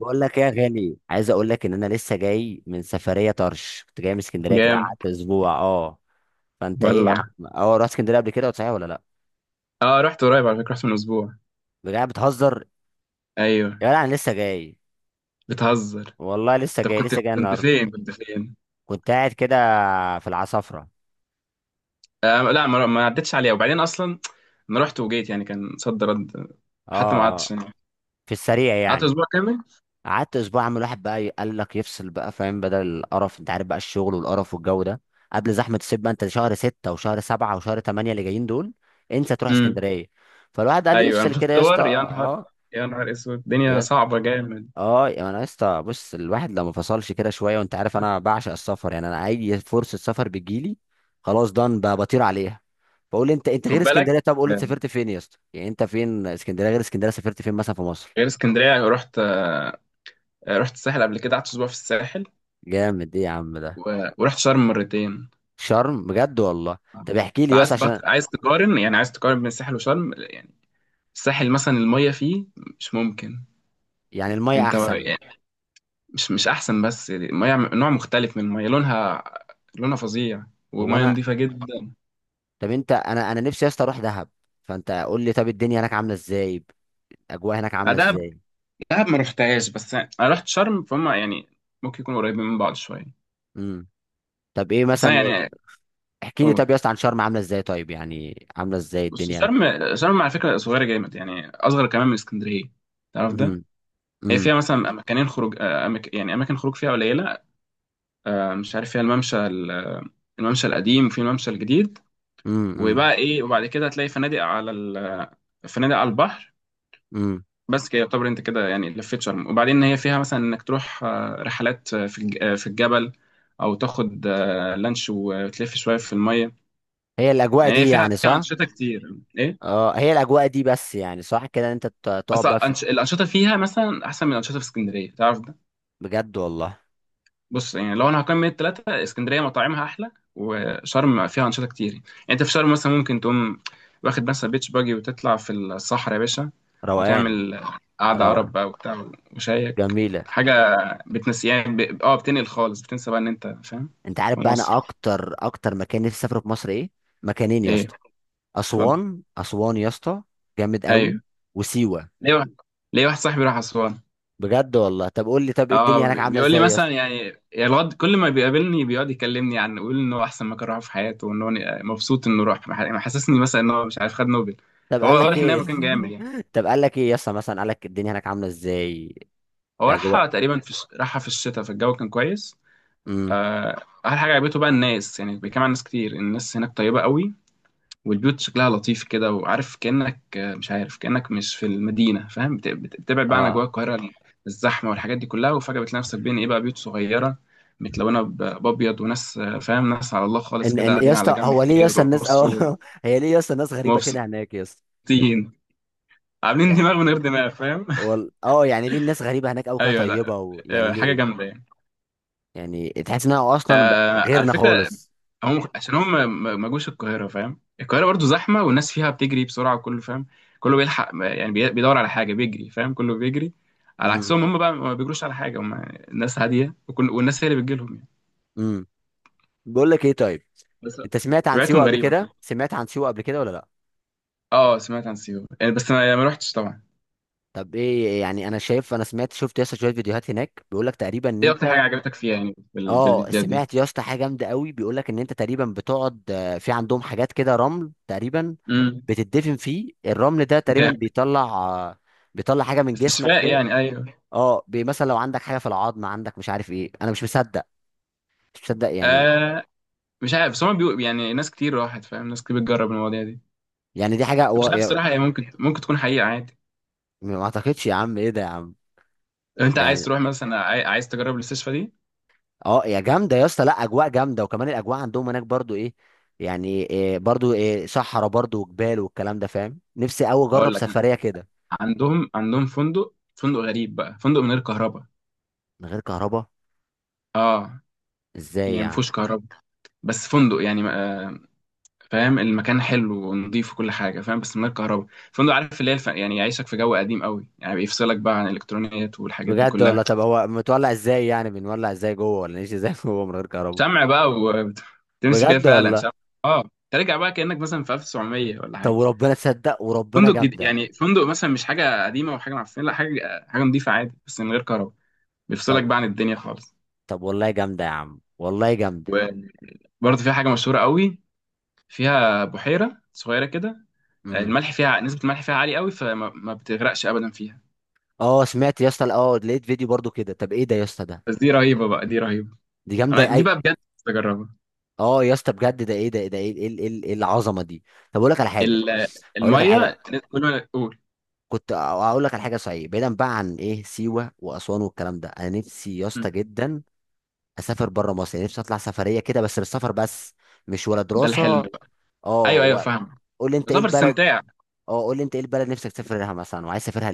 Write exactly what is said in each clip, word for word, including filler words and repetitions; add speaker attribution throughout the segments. Speaker 1: بقول لك ايه يا غالي، عايز اقول لك ان انا لسه جاي من سفريه طرش، كنت جاي من اسكندريه كده،
Speaker 2: جامد.
Speaker 1: قعدت اسبوع. اه فانت ايه يا
Speaker 2: والله
Speaker 1: عم؟ اه رحت اسكندريه قبل كده صحيح ولا لا؟
Speaker 2: اه رحت قريب على فكرة، رحت من اسبوع.
Speaker 1: بجد بتهزر؟
Speaker 2: ايوه
Speaker 1: يا جدع انا لسه جاي.
Speaker 2: بتهزر.
Speaker 1: والله لسه
Speaker 2: طب
Speaker 1: جاي
Speaker 2: كنت
Speaker 1: لسه جاي
Speaker 2: كنت
Speaker 1: النهارده.
Speaker 2: فين كنت فين؟
Speaker 1: كنت قاعد كده في العصافره.
Speaker 2: آه لا، ما, ما عدتش عليها، وبعدين اصلا انا رحت وجيت يعني، كان صد رد. حتى ما
Speaker 1: اه، اه.
Speaker 2: قعدتش هناك،
Speaker 1: في السريع
Speaker 2: قعدت
Speaker 1: يعني.
Speaker 2: اسبوع كامل.
Speaker 1: قعدت اسبوع. عم الواحد بقى قال لك يفصل بقى، فاهم؟ بدل القرف، انت عارف بقى الشغل والقرف والجو ده. قبل زحمه الصيف بقى، انت شهر ستة وشهر سبعة وشهر تمانية اللي جايين دول، انسى تروح
Speaker 2: امم،
Speaker 1: اسكندريه. فالواحد قال
Speaker 2: ايوه انا
Speaker 1: يفصل
Speaker 2: بشوف
Speaker 1: كده يا اسطى.
Speaker 2: صور. يا نهار،
Speaker 1: اه
Speaker 2: يا نهار اسود، الدنيا
Speaker 1: يا
Speaker 2: صعبة جامد.
Speaker 1: اه يا انا اسطى، بص الواحد لما فصلش كده شويه، وانت عارف انا بعشق السفر يعني، انا اي فرصه سفر بتجيلي خلاص، دان ب- بطير عليها. بقول، انت انت
Speaker 2: خد
Speaker 1: غير
Speaker 2: بالك.
Speaker 1: اسكندريه، طب قول لي
Speaker 2: آه،
Speaker 1: سافرت فين يا اسطى، يعني انت فين؟ اسكندريه غير اسكندريه سافرت فين مثلا في مصر؟
Speaker 2: غير اسكندرية رحت. آه، رحت الساحل قبل كده، قعدت اسبوع في الساحل.
Speaker 1: جامد، ايه يا عم ده؟
Speaker 2: و... ورحت شرم مرتين.
Speaker 1: شرم بجد والله؟ طب احكي
Speaker 2: بس
Speaker 1: لي يا اسطى
Speaker 2: عايز بط...
Speaker 1: عشان،
Speaker 2: عايز تقارن يعني، عايز تقارن بين الساحل وشرم؟ الساحل مثلا المية فيه مش ممكن.
Speaker 1: يعني الميه
Speaker 2: انت
Speaker 1: احسن؟
Speaker 2: يعني مش مش احسن، بس المية م- نوع مختلف من المية، لونها لونها فظيع،
Speaker 1: هو
Speaker 2: ومية
Speaker 1: انا،
Speaker 2: نظيفة جدا.
Speaker 1: طب انت، انا انا نفسي يا اسطى اروح دهب، فانت قول لي طب الدنيا هناك عامله ازاي؟ الاجواء هناك
Speaker 2: آه،
Speaker 1: عامله
Speaker 2: دهب،
Speaker 1: ازاي؟
Speaker 2: دهب ما رحتهاش، بس انا رحت شرم فهم يعني، ممكن يكونوا قريبين من بعض شوية.
Speaker 1: امم. طب ايه
Speaker 2: بس
Speaker 1: مثلا؟
Speaker 2: انا يعني
Speaker 1: احكي لي
Speaker 2: اقول،
Speaker 1: طب يا اسطى عن شرم عامله ازاي؟ طيب يعني عامله ازاي
Speaker 2: بس
Speaker 1: الدنيا هناك؟
Speaker 2: شرم، شرم على فكرة صغيرة جامد، يعني اصغر كمان من اسكندرية، تعرف ده.
Speaker 1: امم،
Speaker 2: هي
Speaker 1: امم،
Speaker 2: فيها مثلا مكانين خروج، آه، أماك... يعني اماكن خروج فيها قليلة. آه، مش عارف، فيها الممشى ال- الممشى القديم، وفي الممشى الجديد.
Speaker 1: امم،
Speaker 2: وبقى ايه وبعد كده هتلاقي فنادق على ال... فنادق على البحر.
Speaker 1: امم.
Speaker 2: بس كده يعتبر انت كده يعني لفيت شرم. وبعدين هي فيها مثلا انك تروح آه، رحلات، آه، في الج- آه، في الجبل، او تاخد آه، لانش وتلف شويه في الميه،
Speaker 1: هي الاجواء
Speaker 2: يعني هي
Speaker 1: دي
Speaker 2: فيها
Speaker 1: يعني
Speaker 2: فيها
Speaker 1: صح؟
Speaker 2: انشطه كتير ايه.
Speaker 1: اه، هي الاجواء دي بس يعني صح كده إن انت ت- تقعد
Speaker 2: بس
Speaker 1: بقى في.
Speaker 2: أنش... الانشطه فيها مثلا احسن من الانشطه في اسكندريه، تعرف ده.
Speaker 1: بجد والله.
Speaker 2: بص يعني لو انا هقيم من التلاتة، اسكندريه مطاعمها احلى، وشرم فيها انشطه كتير يعني. انت في شرم مثلا ممكن تقوم واخد مثلا بيتش باجي، وتطلع في الصحراء يا باشا،
Speaker 1: روقان.
Speaker 2: وتعمل قعده عرب
Speaker 1: روقان.
Speaker 2: بقى وبتاع، وشايك
Speaker 1: جميله.
Speaker 2: حاجه، بتنسي يعني ب... اه بتنقل خالص، بتنسى بقى ان انت فاهم.
Speaker 1: انت عارف
Speaker 2: في
Speaker 1: بقى، انا
Speaker 2: مصر
Speaker 1: اكتر اكتر مكان نفسي اسافره في مصر ايه؟ مكانين يا
Speaker 2: ايه؟
Speaker 1: اسطى،
Speaker 2: اتفضل.
Speaker 1: اسوان. اسوان يا اسطى، جامد قوي.
Speaker 2: ايوه
Speaker 1: وسيوه.
Speaker 2: ليه واحد، ليه واحد صاحبي راح اسوان.
Speaker 1: بجد والله؟ طب قول لي، طب ايه الدنيا
Speaker 2: اه
Speaker 1: هناك
Speaker 2: بي-
Speaker 1: عامله
Speaker 2: بيقول لي
Speaker 1: ازاي يا
Speaker 2: مثلا
Speaker 1: اسطى؟
Speaker 2: يعني، يا الواد كل ما بيقابلني بيقعد يكلمني، عن يقول ان هو احسن مكان راحه في حياته، وان هو مبسوط انه راح، مح- محسسني مثلا ان هو مش عارف خد نوبل.
Speaker 1: طب
Speaker 2: فهو
Speaker 1: قال لك
Speaker 2: واضح ان هي
Speaker 1: ايه؟
Speaker 2: مكان جامد يعني.
Speaker 1: طب قال لك ايه يا اسطى مثلا؟ قال لك الدنيا هناك عامله ازاي؟
Speaker 2: هو
Speaker 1: الاجواء.
Speaker 2: راحها تقريبا في الش- راحها في الشتاء، فالجو كان كويس.
Speaker 1: امم.
Speaker 2: آه، احلى حاجه عجبته بقى الناس يعني، بيتكلم عن ناس كتير، الناس هناك طيبه قوي، والبيوت شكلها لطيف كده، وعارف كأنك، آه، مش عارف كأنك مش في المدينة، فاهم، بت- بت- بتبعد بقى عن أجواء
Speaker 1: اه
Speaker 2: القاهرة، الزحمة والحاجات دي كلها، وفجأة بتلاقي نفسك بين إيه بقى، بيوت صغيرة متلونة ب- بأبيض، وناس، آه، فاهم، ناس على الله خالص
Speaker 1: ان
Speaker 2: كده
Speaker 1: ان يا
Speaker 2: قاعدين على
Speaker 1: اسطى،
Speaker 2: جنب
Speaker 1: هو ليه يا اسطى الناس
Speaker 2: بيرقصوا،
Speaker 1: اه هي ليه يا اسطى الناس غريبه كده هناك يا اسطى؟
Speaker 2: ومبسوطين، عاملين
Speaker 1: يعني،
Speaker 2: دماغ من غير دماغ فاهم.
Speaker 1: وال... اه يعني ليه الناس غريبه هناك او كده
Speaker 2: أيوه لا،
Speaker 1: طيبه و... يعني
Speaker 2: آه، حاجة
Speaker 1: ليه؟
Speaker 2: جامدة يعني.
Speaker 1: يعني تحس انها اصلا ب-
Speaker 2: آه على
Speaker 1: غيرنا
Speaker 2: فكرة،
Speaker 1: خالص.
Speaker 2: هم عشان هم ما ما- ما جوش القاهرة فاهم. القاهرة برضو زحمة، والناس فيها بتجري بسرعة، وكله فاهم، كله بيلحق يعني، بي- بيدور على حاجة بيجري فاهم، كله بيجري. على
Speaker 1: امم.
Speaker 2: عكسهم، هم بقى ما بيجروش على حاجة، هم ناس هادية وكل، والناس هي اللي بتجيلهم يعني.
Speaker 1: امم. بقول لك ايه طيب،
Speaker 2: بس
Speaker 1: انت سمعت عن سيوه
Speaker 2: طبيعتهم
Speaker 1: قبل
Speaker 2: غريبة
Speaker 1: كده،
Speaker 2: فاهم.
Speaker 1: سمعت عن سيوه قبل كده ولا لا؟
Speaker 2: اه سمعت عن سيوة يعني، بس ما ما رحتش طبعا.
Speaker 1: طب ايه يعني، انا شايف، انا سمعت شفت يا اسطى شويه فيديوهات هناك، بيقول لك تقريبا ان
Speaker 2: ايه أكتر حاجة
Speaker 1: انت،
Speaker 2: عجبتك فيها يعني، في, ال... في
Speaker 1: اه
Speaker 2: الفيديوهات دي؟
Speaker 1: سمعت يا اسطى حاجه جامده قوي، بيقول لك ان انت تقريبا بتقعد آه، في عندهم حاجات كده رمل تقريبا،
Speaker 2: امم.
Speaker 1: بتدفن فيه، الرمل ده تقريبا
Speaker 2: جامد.
Speaker 1: بيطلع آه، بيطلع حاجه من جسمك
Speaker 2: استشفاء
Speaker 1: كده.
Speaker 2: يعني، ايوه.
Speaker 1: اه بي- مثلا لو عندك حاجه في العظم عندك، مش عارف ايه، انا مش مصدق، مش مصدق يعني.
Speaker 2: آه مش عارف، بس هم بيقول يعني، ناس كتير راحت فاهم، ناس كتير بتجرب المواضيع دي.
Speaker 1: يعني دي حاجه و...
Speaker 2: مش عارف
Speaker 1: يا-
Speaker 2: الصراحة، هي ممكن ممكن تكون حقيقة عادي.
Speaker 1: ما اعتقدش يا عم، ايه ده يا عم؟
Speaker 2: لو انت عايز
Speaker 1: يعني،
Speaker 2: تروح مثلا، عاي- عايز تجرب المستشفى دي.
Speaker 1: اه يا جامده يا اسطى، لا، اجواء جامده، وكمان الاجواء عندهم هناك برضو ايه؟ يعني إيه برضو؟ إيه، صحراء برضو وجبال والكلام ده، فاهم؟ نفسي قوي اجرب
Speaker 2: هقول لك انا،
Speaker 1: سفريه كده.
Speaker 2: عندهم عندهم فندق، فندق غريب بقى، فندق من غير كهرباء.
Speaker 1: من غير كهرباء؟
Speaker 2: اه
Speaker 1: ازاي
Speaker 2: يعني
Speaker 1: يعني؟
Speaker 2: مفهوش كهرباء، بس فندق يعني آه، فاهم المكان حلو ونضيف وكل حاجه فاهم، بس من غير كهرباء. فندق، عارف اللي هي الف... يعني يعيشك في جو قديم قوي يعني، بيفصلك بقى عن الالكترونيات والحاجات دي
Speaker 1: بجد والله؟
Speaker 2: كلها.
Speaker 1: طب هو متولع ازاي، يعني بنولع ازاي جوه، ولا نعيش ازاي جوه من غير كهرباء؟
Speaker 2: شمع بقى وتمشي كده،
Speaker 1: بجد
Speaker 2: فعلا
Speaker 1: والله.
Speaker 2: شمع. اه ترجع بقى كانك مثلا في ألف وسبعمية ولا
Speaker 1: طب
Speaker 2: حاجه.
Speaker 1: وربنا تصدق، وربنا
Speaker 2: فندق جديد
Speaker 1: جامده.
Speaker 2: يعني، فندق مثلا مش حاجه قديمه وحاجه معفنه، لا، حاجه حاجه نضيفه عادي، بس من غير كهرباء، بيفصلك
Speaker 1: طب
Speaker 2: بقى عن الدنيا خالص.
Speaker 1: طب والله جامده يا عم، والله جامده.
Speaker 2: وبرضه في حاجه مشهوره قوي، فيها بحيره صغيره كده،
Speaker 1: امم.
Speaker 2: الملح فيها، نسبه الملح فيها عاليه قوي، فما ما بتغرقش ابدا فيها.
Speaker 1: اه سمعت يا اسطى، اه لقيت فيديو برضو كده. طب ايه ده يا اسطى ده؟
Speaker 2: بس دي رهيبه بقى، دي رهيبه،
Speaker 1: دي جامده
Speaker 2: انا دي
Speaker 1: اي.
Speaker 2: بقى بجد نفسي اجربها.
Speaker 1: اه يا اسطى بجد، ده ايه ده؟ ده ايه، ايه، ايه، إيه، إيه العظمه دي؟ طب اقول لك على حاجه
Speaker 2: ال-
Speaker 1: اقول لك على حاجه
Speaker 2: الميه، كل ما اقول.
Speaker 1: كنت اقول لك على حاجه، صحيح، بعيدا بقى عن ايه سيوه واسوان والكلام ده، انا نفسي يا اسطى
Speaker 2: مم.
Speaker 1: جدا اسافر بره مصر، يعني نفسي اطلع سفريه كده بس، بالسفر بس، مش ولا
Speaker 2: ده الحلم
Speaker 1: دراسه.
Speaker 2: بقى.
Speaker 1: اه
Speaker 2: ايوه ايوه
Speaker 1: ولا-
Speaker 2: فاهم،
Speaker 1: قول لي انت ايه
Speaker 2: سفر
Speaker 1: البلد،
Speaker 2: استمتاع.
Speaker 1: اه قول لي انت ايه البلد نفسك تسافر لها مثلا، وعايز تسافرها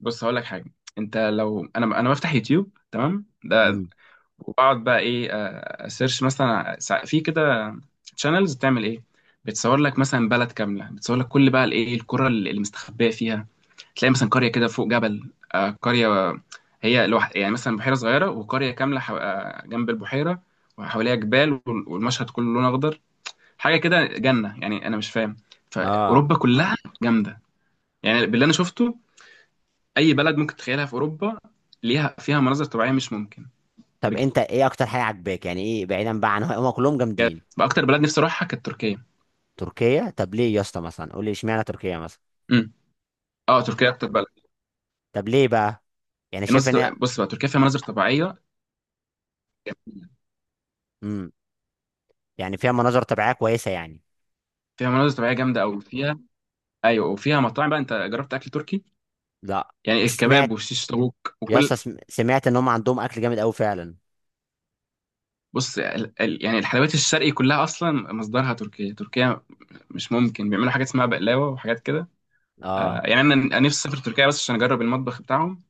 Speaker 2: بص هقول لك حاجه، انت لو، انا انا بفتح يوتيوب تمام ده،
Speaker 1: ليه؟
Speaker 2: واقعد بقى ايه، آه، اسيرش مثلا سا- في كده تشانلز بتعمل ايه، بتصور لك مثلا بلد كامله، بتصور لك كل بقى الايه، القرى اللي مستخبيه فيها، تلاقي مثلا قريه كده فوق جبل، آه، قريه هي لوحد يعني، مثلا بحيره صغيره، وقريه كامله حو... آه، جنب البحيره، وحواليها جبال، وال- والمشهد كله لون اخضر، حاجه كده جنه يعني انا مش فاهم.
Speaker 1: اه
Speaker 2: فاوروبا كلها جامده يعني، باللي انا شفته، اي بلد ممكن تتخيلها في اوروبا، ليها فيها مناظر طبيعيه مش ممكن.
Speaker 1: طب
Speaker 2: بجد.
Speaker 1: انت ايه اكتر حاجه عاجباك يعني، ايه، بعيدا بقى عن هم كلهم جامدين؟
Speaker 2: واكتر بلد نفسي اروحها كانت تركيا.
Speaker 1: تركيا؟ طب ليه يا اسطى مثلا؟ قول لي اشمعنى تركيا مثلا،
Speaker 2: امم، اه تركيا اكتر بلد.
Speaker 1: طب ليه بقى؟ يعني شايف ان هي.
Speaker 2: المناظر، بص بقى تركيا فيها مناظر طبيعيه،
Speaker 1: امم. يعني فيها مناظر طبيعيه كويسه يعني؟
Speaker 2: فيها مناظر طبيعيه جامده قوي فيها. ايوه وفيها مطاعم بقى، انت جربت اكل تركي؟
Speaker 1: لا
Speaker 2: يعني
Speaker 1: بس سمعت.
Speaker 2: الكباب والشيش طاووق
Speaker 1: يا
Speaker 2: وكل.
Speaker 1: اسطى سم- سمعت ان هم عندهم اكل جامد قوي فعلا.
Speaker 2: بص ال... ال... يعني الحلويات الشرقي كلها اصلا مصدرها تركيا. تركيا مش ممكن، بيعملوا حاجات اسمها بقلاوه وحاجات كده. آه
Speaker 1: اه.
Speaker 2: يعني، انا أنا نفسي اسافر تركيا بس عشان اجرب المطبخ بتاعهم،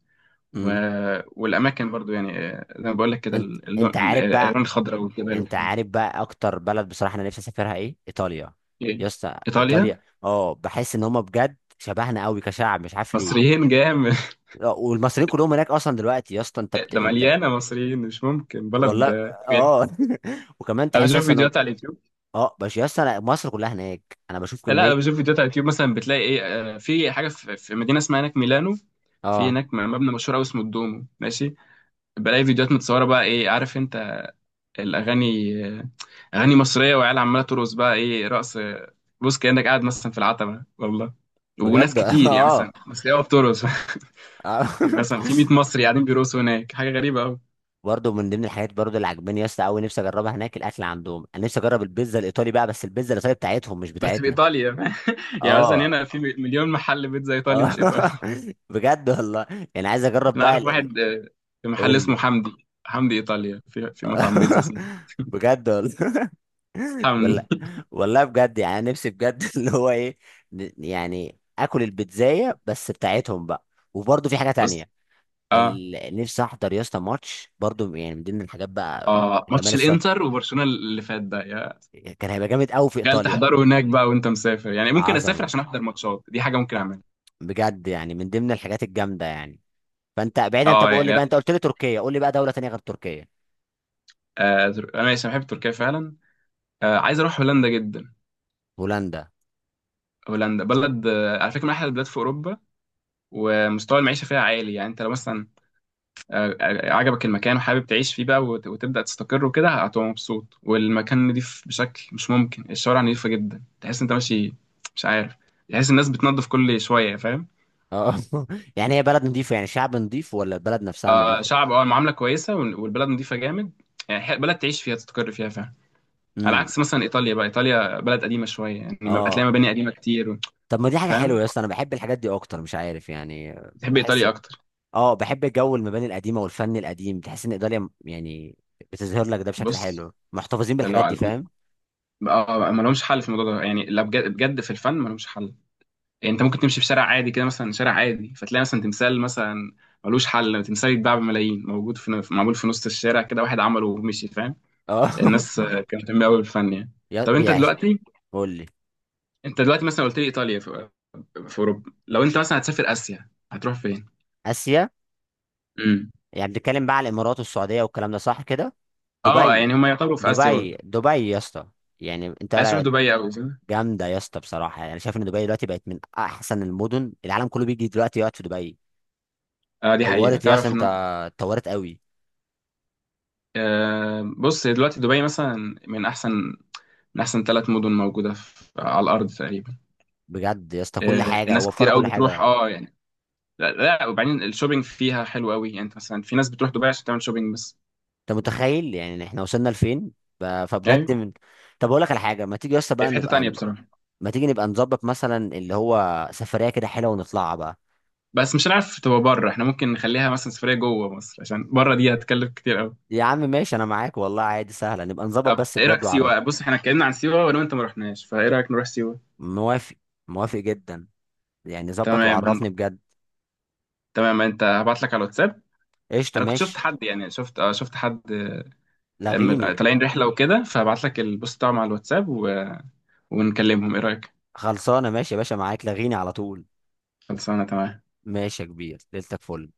Speaker 2: و...
Speaker 1: امم.
Speaker 2: والاماكن برضو يعني، آه، زي ما بقول لك كده،
Speaker 1: انت
Speaker 2: اللون
Speaker 1: انت
Speaker 2: ال-
Speaker 1: عارف
Speaker 2: الالوان
Speaker 1: بقى،
Speaker 2: الخضراء والجبال
Speaker 1: انت
Speaker 2: والحاجات دي.
Speaker 1: عارف بقى اكتر بلد بصراحه انا نفسي اسافرها ايه؟ ايطاليا. يا
Speaker 2: ايه
Speaker 1: اسطى
Speaker 2: ايطاليا،
Speaker 1: ايطاليا، اه بحس ان هم بجد شبهنا قوي كشعب، مش عارف ليه.
Speaker 2: مصريين جامد.
Speaker 1: آه، والمصريين كلهم هناك اصلا دلوقتي، يا اسطى انت بت...
Speaker 2: ده
Speaker 1: انت.
Speaker 2: مليانه مصريين، مش ممكن بلد
Speaker 1: والله.
Speaker 2: يعني.
Speaker 1: اه وكمان
Speaker 2: انا
Speaker 1: تحس
Speaker 2: بشوف
Speaker 1: اصلا إنه-
Speaker 2: فيديوهات على اليوتيوب.
Speaker 1: اه بس يا اسطى أنا- مصر كلها هناك، انا بشوف
Speaker 2: لا
Speaker 1: كميه.
Speaker 2: انا بشوف فيديوهات على اليوتيوب، مثلا بتلاقي ايه، آه، في حاجه، في في مدينه اسمها هناك ميلانو، في
Speaker 1: اه
Speaker 2: هناك مبنى مشهور قوي اسمه الدومو ماشي. بلاقي فيديوهات متصوره بقى ايه، عارف انت الاغاني، آه، اغاني مصريه، وعيال عماله ترقص بقى ايه رقص، آه، بص كانك قاعد مثلا في العتبه والله، وناس
Speaker 1: بجد.
Speaker 2: كتير يعني مثلا
Speaker 1: اه.
Speaker 2: مصريه بترقص.
Speaker 1: آه.
Speaker 2: مثلا في ميت مصري قاعدين بيرقصوا هناك، حاجه غريبه قوي.
Speaker 1: برضه من ضمن الحاجات برضه اللي عجباني يا اسطى، قوي نفسي اجربها هناك الاكل عندهم، انا نفسي اجرب البيتزا الايطالي بقى، بس البيتزا الايطالي بتاعتهم مش
Speaker 2: بس في
Speaker 1: بتاعتنا.
Speaker 2: ايطاليا. يعني مثلا
Speaker 1: اه.
Speaker 2: هنا في مليون محل بيتزا ايطالي
Speaker 1: اه
Speaker 2: مش ايطالي.
Speaker 1: بجد والله. يعني عايز اجرب
Speaker 2: انا
Speaker 1: بقى
Speaker 2: اعرف
Speaker 1: ال- ال-
Speaker 2: واحد، آه، في
Speaker 1: قول
Speaker 2: محل اسمه
Speaker 1: لي.
Speaker 2: حمدي، حمدي ايطاليا، في في مطعم بيتزا اسمه
Speaker 1: بجد والله. والله.
Speaker 2: حمدي.
Speaker 1: والله بجد، يعني أنا نفسي بجد، اللي هو ايه، ن- يعني اكل البيتزاية بس بتاعتهم بقى. وبرضه في حاجة
Speaker 2: بص
Speaker 1: تانية،
Speaker 2: اه.
Speaker 1: ال- نفسي احضر يا اسطى ماتش برضه، يعني من ضمن الحاجات بقى
Speaker 2: اه
Speaker 1: جمال
Speaker 2: ماتش
Speaker 1: الصف،
Speaker 2: الانتر وبرشلونه اللي فات ده يا،
Speaker 1: كان هيبقى جامد قوي في
Speaker 2: قال
Speaker 1: ايطاليا.
Speaker 2: تحضره هناك بقى وانت مسافر، يعني ممكن اسافر
Speaker 1: عظمة.
Speaker 2: عشان احضر ماتشات، دي حاجه ممكن اعملها.
Speaker 1: بجد، يعني من ضمن الحاجات الجامدة يعني. فانت بعيدا، انت
Speaker 2: اه
Speaker 1: بقول لي
Speaker 2: يعني،
Speaker 1: بقى، انت قلت لي تركيا، قول لي بقى دولة تانية غير تركيا.
Speaker 2: آه تر- انا ماشي، أنا بحب تركيا فعلا. آه عايز اروح هولندا جدا.
Speaker 1: هولندا.
Speaker 2: هولندا بلد آه على فكره من احلى البلاد في اوروبا، ومستوى المعيشه فيها عالي يعني. انت لو مثلا آه، آه، عجبك المكان وحابب تعيش فيه بقى، وت- وتبدأ تستقر وكده، هتبقى مبسوط، والمكان نضيف بشكل مش ممكن، الشوارع نضيفة جدا، تحس انت ماشي مش عارف، تحس الناس بتنظف كل شوية فاهم.
Speaker 1: اه يعني هي بلد نظيفة يعني، شعب نظيف ولا البلد نفسها
Speaker 2: آه
Speaker 1: نظيفة؟
Speaker 2: شعب، اه المعاملة كويسة، وال- والبلد نضيفة جامد يعني، ح- بلد تعيش فيها تستقر فيها فاهم. على
Speaker 1: امم.
Speaker 2: عكس مثلا إيطاليا بقى، إيطاليا بلد قديمة شوية يعني، ما-
Speaker 1: اه،
Speaker 2: هتلاقي مباني قديمة كتير و،
Speaker 1: طب ما دي حاجه
Speaker 2: فاهم
Speaker 1: حلوه يا اسطى، انا بحب الحاجات دي اكتر، مش عارف يعني.
Speaker 2: تحب
Speaker 1: بحس.
Speaker 2: إيطاليا أكتر.
Speaker 1: اه، بحب جو المباني القديمه والفن القديم، تحس ان ايطاليا م- يعني بتظهر لك ده بشكل
Speaker 2: بص
Speaker 1: حلو، محتفظين
Speaker 2: لو
Speaker 1: بالحاجات دي، فاهم؟
Speaker 2: اه ما لهمش حل في الموضوع ده يعني، لا بجد بجد في الفن ما لهمش حل. يعني انت ممكن تمشي في شارع عادي كده، مثلا شارع عادي، فتلاقي مثلا تمثال مثلا ملوش حل، تمثال يتباع بملايين، موجود في في- معمول في نص الشارع كده، واحد عمله ومشي فاهم.
Speaker 1: اه
Speaker 2: الناس آه، كانت مهتمه قوي بالفن يعني.
Speaker 1: يا-
Speaker 2: طب انت
Speaker 1: بيعيش.
Speaker 2: دلوقتي،
Speaker 1: قول لي.
Speaker 2: انت دلوقتي مثلا قلت لي ايطاليا في, في اوروبا، لو انت مثلا هتسافر اسيا هتروح فين؟
Speaker 1: اسيا،
Speaker 2: امم،
Speaker 1: يعني بنتكلم بقى على الامارات والسعوديه والكلام ده، صح كده؟
Speaker 2: اه
Speaker 1: دبي.
Speaker 2: يعني هم يعتبروا في اسيا
Speaker 1: دبي،
Speaker 2: برضه.
Speaker 1: دبي يا اسطى، يعني انت
Speaker 2: عايز تروح
Speaker 1: رأي-
Speaker 2: دبي قوي صح؟
Speaker 1: جامده يا اسطى بصراحه، يعني شايف ان دبي دلوقتي بقت من احسن المدن، العالم كله بيجي دلوقتي يقعد في دبي.
Speaker 2: اه دي حقيقه،
Speaker 1: طورت يا اسطى
Speaker 2: تعرف
Speaker 1: انت،
Speaker 2: ان
Speaker 1: اتطورت قوي.
Speaker 2: آه بص دلوقتي دبي مثلا، من احسن من احسن ثلاث مدن موجوده في على الارض تقريبا.
Speaker 1: بجد يا اسطى كل
Speaker 2: آه
Speaker 1: حاجه،
Speaker 2: الناس كتير
Speaker 1: وفروا
Speaker 2: قوي
Speaker 1: كل
Speaker 2: بتروح
Speaker 1: حاجه.
Speaker 2: اه يعني. لا لا، وبعدين الشوبينج فيها حلو قوي يعني، انت مثلا في ناس بتروح دبي عشان تعمل شوبينج بس.
Speaker 1: انت متخيل يعني إن احنا وصلنا لفين؟ ب- فبجد
Speaker 2: ايوه
Speaker 1: من. طب اقول لك على حاجه، ما تيجي يا اسطى
Speaker 2: هي
Speaker 1: بقى
Speaker 2: في حته تانية
Speaker 1: نبقى،
Speaker 2: بصراحه.
Speaker 1: ما تيجي نبقى نظبط مثلا اللي هو سفريه كده حلوه ونطلعها بقى.
Speaker 2: بس مش هنعرف تبقى بره، احنا ممكن نخليها مثلا سفريه جوه مصر، عشان بره دي هتكلف كتير قوي.
Speaker 1: يا عم ماشي، انا معاك والله، عادي سهله، نبقى نظبط
Speaker 2: طب
Speaker 1: بس
Speaker 2: ايه رايك
Speaker 1: بجد، وعرفني.
Speaker 2: سيوه؟ بص احنا اتكلمنا عن سيوه، وانا وانت ما رحناش، فايه رايك نروح سيوه؟
Speaker 1: موافق. موافق جدا، يعني ظبط
Speaker 2: تمام هن...
Speaker 1: وعرفني بجد.
Speaker 2: تمام انت، هبعت لك على الواتساب.
Speaker 1: قشطه،
Speaker 2: انا كنت شفت
Speaker 1: ماشي.
Speaker 2: حد يعني، شفت اه شفت حد، اه، ام-
Speaker 1: لغيني.
Speaker 2: طالعين رحله وكده، فهبعت لك البوست بتاعهم على الواتساب، و... ونكلمهم، ايه رايك؟
Speaker 1: خلصانه، ماشي يا باشا، معاك، لغيني على طول.
Speaker 2: خلصانه تمام.
Speaker 1: ماشي يا كبير، ليلتك فل.